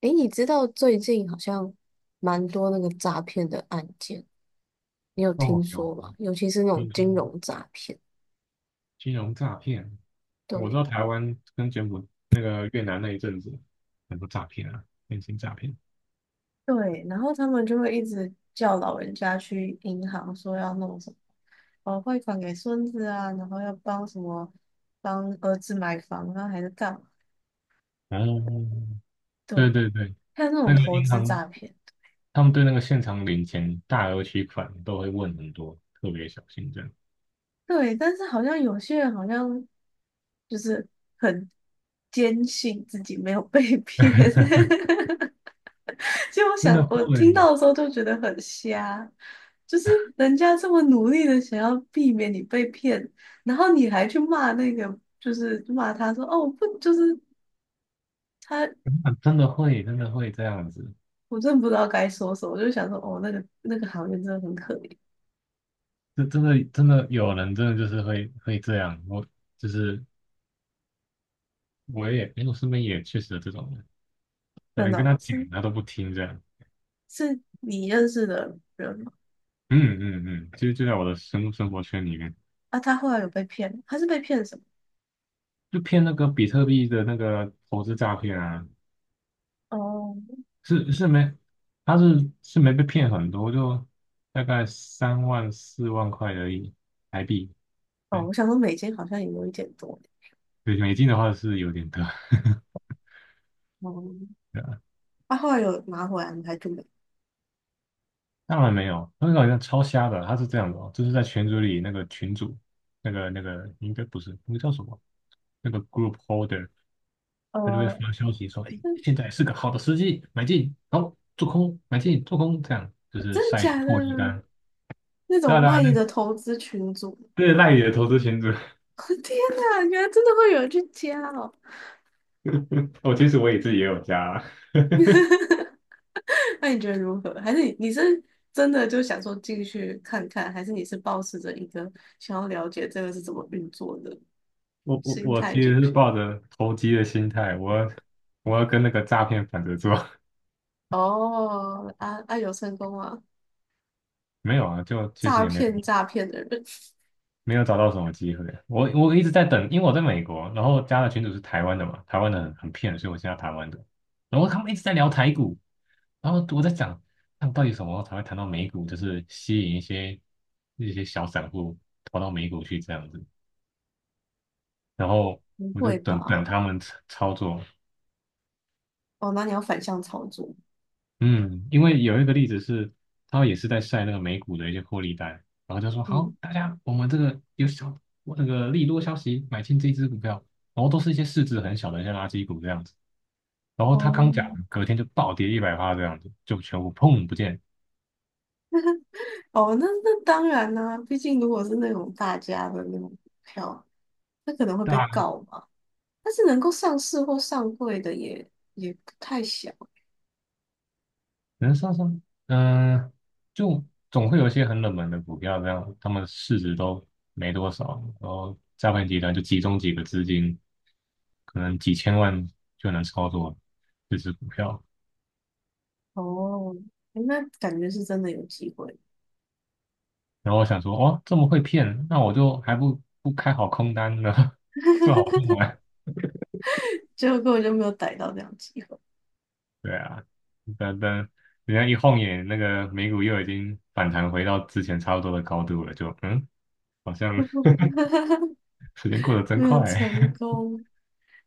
诶，你知道最近好像蛮多那个诈骗的案件，你有听哦，有说吗？尤其是那种听说金融诈骗。金融诈骗，我知对，道台湾跟柬埔那个越南那一阵子很多诈骗啊，电信诈骗。对，然后他们就会一直叫老人家去银行说要弄什么，哦，汇款给孙子啊，然后要帮什么，帮儿子买房啊，还是干嘛？哦，对对，对对，还有那那种个投银资行诈骗。他们对那个现场领钱、大额取款都会问很多，特别小心这样。对，但是好像有些人好像就是很坚信自己没有被骗，就我真的想，我听会，到的时候就觉得很瞎，就是人家这么努力的想要避免你被骗，然后你还去骂那个，就是骂他说哦不，就是他，真的真的会，真的会这样子。我真的不知道该说什么，我就想说哦那个行业真的很可怜，这真的真的有人真的就是会这样，我就是我也，因为我身边也确实有这种人，但真你跟他的讲是。他都不听这样。是你认识的人吗？嗯嗯嗯，其实就在我的生活圈里面，啊，他后来有被骗吗？他是被骗什么？就骗那个比特币的那个投资诈骗啊，哦是没，他是没被骗很多，就大概三万4万块而已台币，哦，对，我想说美金好像也有一点多。对美金的话是有点多，哦，啊后来有拿回来吗？还是没？当然没有，那个好像超瞎的，他是这样的哦，就是在群组里那个群主，那个应该不是，那个叫什么？那个 group holder,他就会呃，发消息说，哎，是现在是个好的时机，买进，好，做空，买进，做空，这样就是真的晒一些假的？获利单。那当种然，赖对啊，的投资群组。这是赖野的投资群组。天哪，原来真的会有人去加哦！我其实我也自己也有加啊 那你觉得如何？还是你是真的就想说进去看看，还是你是抱持着一个想要了解这个是怎么运作的我我心我态其进实是去？抱着投机的心态，我要跟那个诈骗反着做。哦，啊啊，有成功啊！没有啊，就其实诈也没。骗诈骗的人。没有找到什么机会。我一直在等，因为我在美国，然后加的群主是台湾的嘛，台湾的很骗，所以我现在台湾的。然后他们一直在聊台股，然后我在想，他们到底什么时候才会谈到美股，就是吸引一些小散户跑到美股去这样子。然 后不我就会等等吧？他们操作，哦，那你要反向操作。嗯，因为有一个例子是，他也是在晒那个美股的一些获利单，然后就说好，嗯，大家我们这个有小那个利多消息买进这一只股票，然后都是一些市值很小的一些垃圾股这样子，然后他哦刚讲完隔天就暴跌100趴这样子，就全部砰不见，哦，那那当然啦、毕竟如果是那种大家的那种股票，那可能会被大告嘛。但是能够上市或上柜的也不太小人上升。嗯、就总会有一些很冷门的股票这样，他们市值都没多少，然后诈骗集团就集中几个资金，可能几千万就能操作这只股票。哦。诶那感觉是真的有机会，然后我想说，哦，这么会骗，那我就还不开好空单呢，做好空单。结果根本就没有逮到这样的机会。对啊，等等，人家一晃眼，那个美股又已经反弹回到之前差不多的高度了，就好像 时间过得真没有快。成功。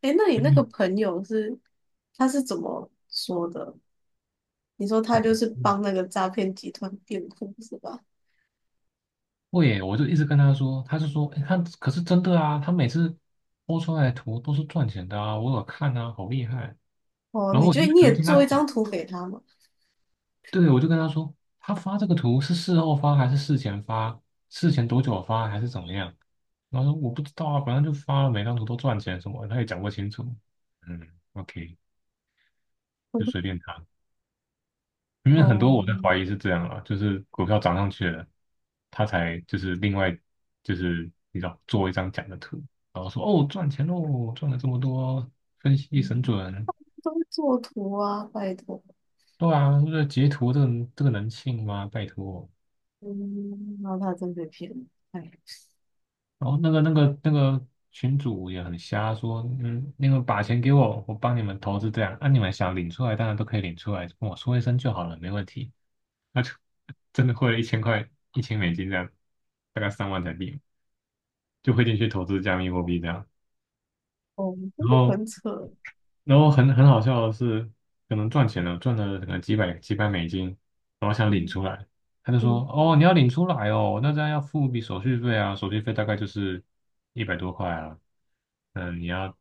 哎，那你那个 朋友是怎么说的？你说他所就以是帮那个诈骗集团辩护是吧？会耶，我就一直跟他说，他就说，诶他可是真的啊，他每次播出来的图都是赚钱的啊，我有看啊，好厉害。哦，然你后觉得因为你只是也听他做一讲，张图给他吗？对，我就跟他说，他发这个图是事后发还是事前发？事前多久发还是怎么样？然后说我不知道啊，反正就发了，每张图都赚钱什么的他也讲不清楚。嗯，OK,就随 便他。因为很哦，多我在怀疑是这样啊，就是股票涨上去了，他才就是另外就是你知道做一张假的图，然后说哦赚钱喽，赚了这么多，分析神嗯准。都会做图啊，拜托。对啊，这截图这个能信吗？拜托。嗯，然后他真被骗了。哎，然后那个群主也很瞎，说嗯，那个把钱给我，我帮你们投资这样，啊，你们想领出来，当然都可以领出来，跟我说一声就好了，没问题。那就 真的汇了1000块，1000美金这样，大概3万台币，就汇进去投资加密货币这样。哦，真然的后，很扯。然后,很好笑的是，可能赚钱了，赚了可能几百几百美金，嗯他就嗯。说："哦，你要领出来哦，那这样要付一笔手续费啊，手续费大概就是100多块啊。嗯，你要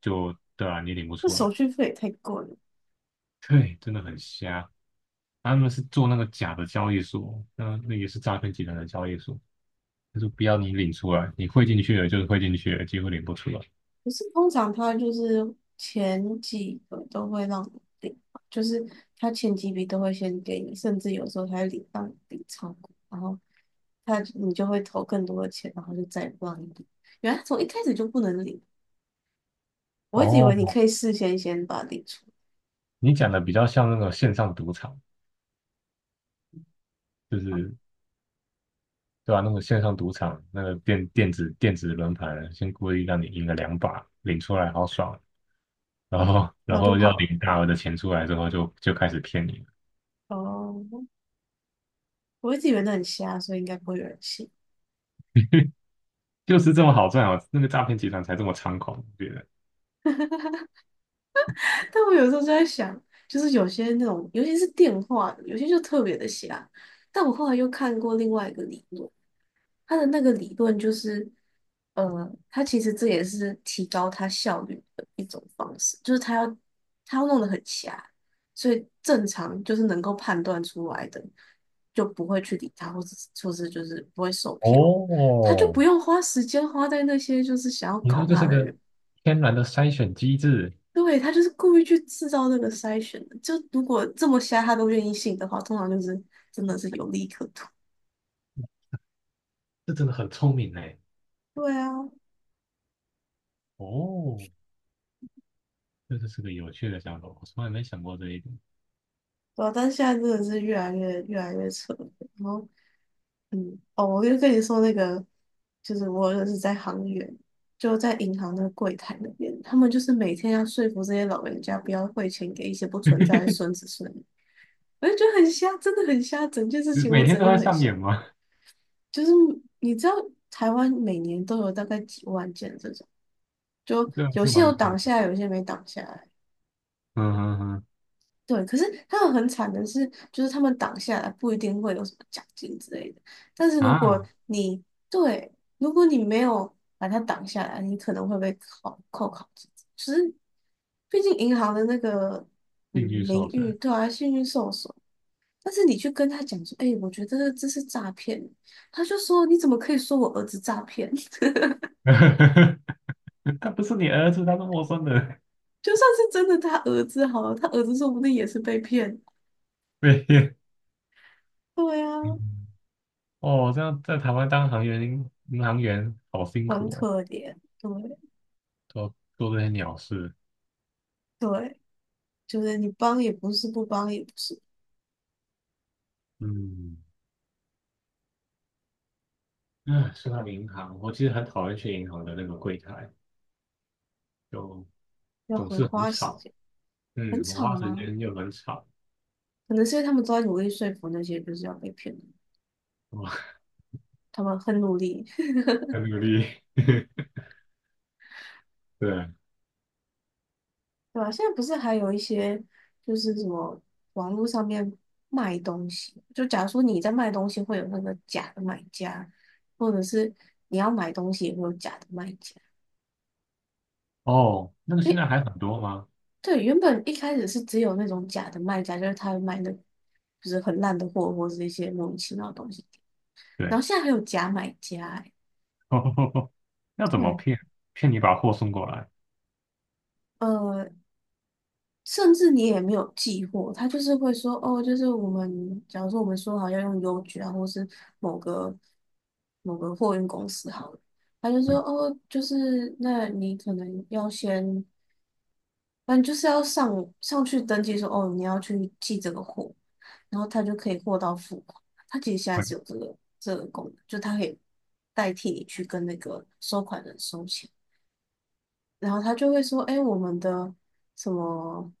就对啊，你领不那出手来，续费也太贵了。对，真的很瞎。他们是做那个假的交易所，那也是诈骗集团的交易所。他说不要你领出来，你汇进去了就是汇进去了，结果领不出来。可是通常他就是前几个都会让你领，就是他前几笔都会先给你，甚至有时候他会领让你领超过，然后就会投更多的钱，然后就再也不让你领。原来从一开始就不能领，我一直以为你哦，可以事先先把它领出来，你讲的比较像那个线上赌场，就是对吧、那个线上赌场，那个电子轮盘，先故意让你赢了两把，领出来好爽。"然后那然我就后要跑了。领大额的钱出来之后就开始骗你了，哦，我一直以为那很瞎，所以应该不会有人信。就是这么好赚哦，那个诈骗集团才这么猖狂，我觉得。但我有时候就在想，就是有些那种，尤其是电话的，有些就特别的瞎。但我后来又看过另外一个理论，他的那个理论就是，他其实这也是提高他效率的一种方式，就是他要弄得很瞎，所以正常就是能够判断出来的，就不会去理他，或者是就是不会受骗，他就哦，不用花时间花在那些就是想要你说搞这他是的个人。天然的筛选机制，对，他就是故意去制造这个筛选的。就如果这么瞎他都愿意信的话，通常就是真的是有利可图。这真的很聪明哎！对啊，哦，这就是个有趣的想法，我从来没想过这一点。对啊，但是现在真的是越来越扯了。然后，嗯，哦，我就跟你说那个，就是我认识在行员，就在银行的柜台那边，他们就是每天要说服这些老人家不要汇钱给一些不存在的孙子孙女，我就觉得很瞎，真的很瞎。整件事你情我每只天能都在用很上瞎，演吗？就是你知道台湾每年都有大概几万件这种。就 这样有是些有蛮多挡的。下来，有些没挡下来。嗯嗯对，可是他们很惨的是，就是他们挡下来不一定会有什么奖金之类的。但是嗯如果啊，你。对，如果你没有把它挡下来，你可能会被扣考绩。只是，毕竟银行的那个嗯境遇名受誉。损，对啊，信誉受损。但是你去跟他讲说，哎、我觉得这是诈骗，他就说你怎么可以说我儿子诈骗？他不是你儿子，他是陌生人。就算是真的他儿子好了，他儿子说不定也是被骗。被骗。对啊，嗯哦，这样在台湾当行员、银行员好辛苦很哦，可怜，对。做做这些鸟事。对，就是你帮也不是，不帮也不是，嗯，啊，说到银行，我其实很讨厌去银行的那个柜台，就要总很是很花时吵。间，很嗯，我吵花时吗？间又很吵，可能是因为他们都在努力说服那些就是要被骗的，我 他们很努力。很努力。对，对吧？现在不是还有一些就是什么网络上面卖东西，就假如说你在卖东西，会有那个假的买家，或者是你要买东西也会有假的卖家。哦，那个因现为。在还很多吗？对，原本一开始是只有那种假的卖家，就是他会卖那就是很烂的货，或是一些莫名其妙的东西。然对，后现在还有假买家、欸，哦要怎么对，骗？骗你把货送过来，呃，甚至你也没有寄货，他就是会说，哦，就是我们，假如说我们说好要用邮局啊，或是某个某个货运公司好了，他就说，嗯哦，就是那你可能要先反正就是要上去登记说，哦，你要去寄这个货，然后他就可以货到付款。他其实现在是有这嗯个这个功能，就他可以代替你去跟那个收款人收钱，然后他就会说，哎，我们的什么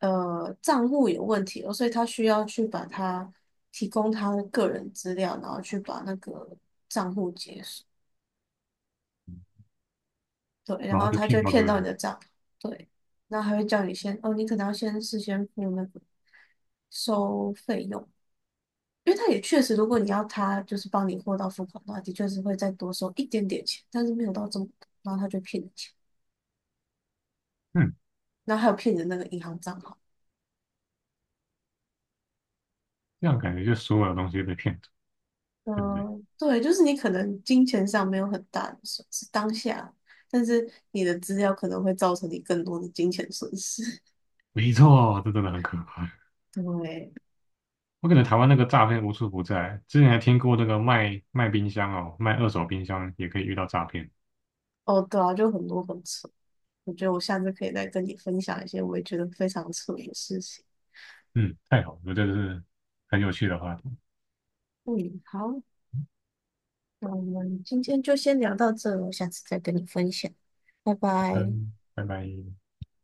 账户有问题了，所以他需要去把他提供他的个人资料，然后去把那个账户解锁。对，然然后后就他就骗会到这骗到你边。的账，对，然后还会叫你先，哦，你可能要先事先付那个收费用，因为他也确实，如果你要他就是帮你货到付款的话，的确是会再多收一点点钱，但是没有到这么多，然后他就骗你钱，嗯，然后还有骗你的那个银行账号，这样感觉就所有东西都被骗走，对不对？嗯，对，就是你可能金钱上没有很大的损失，当下，但是你的资料可能会造成你更多的金钱损失。没错，这真的很可怕。对，我感觉台湾那个诈骗无处不在，之前还听过那个卖卖冰箱哦，卖二手冰箱也可以遇到诈骗。哦，对啊，就很多很扯。我觉得我下次可以再跟你分享一些我也觉得非常扯的事情。嗯，太好了，这个是很有趣的话题。嗯，好，那我们今天就先聊到这了，我下次再跟你分享，拜拜。嗯，拜拜。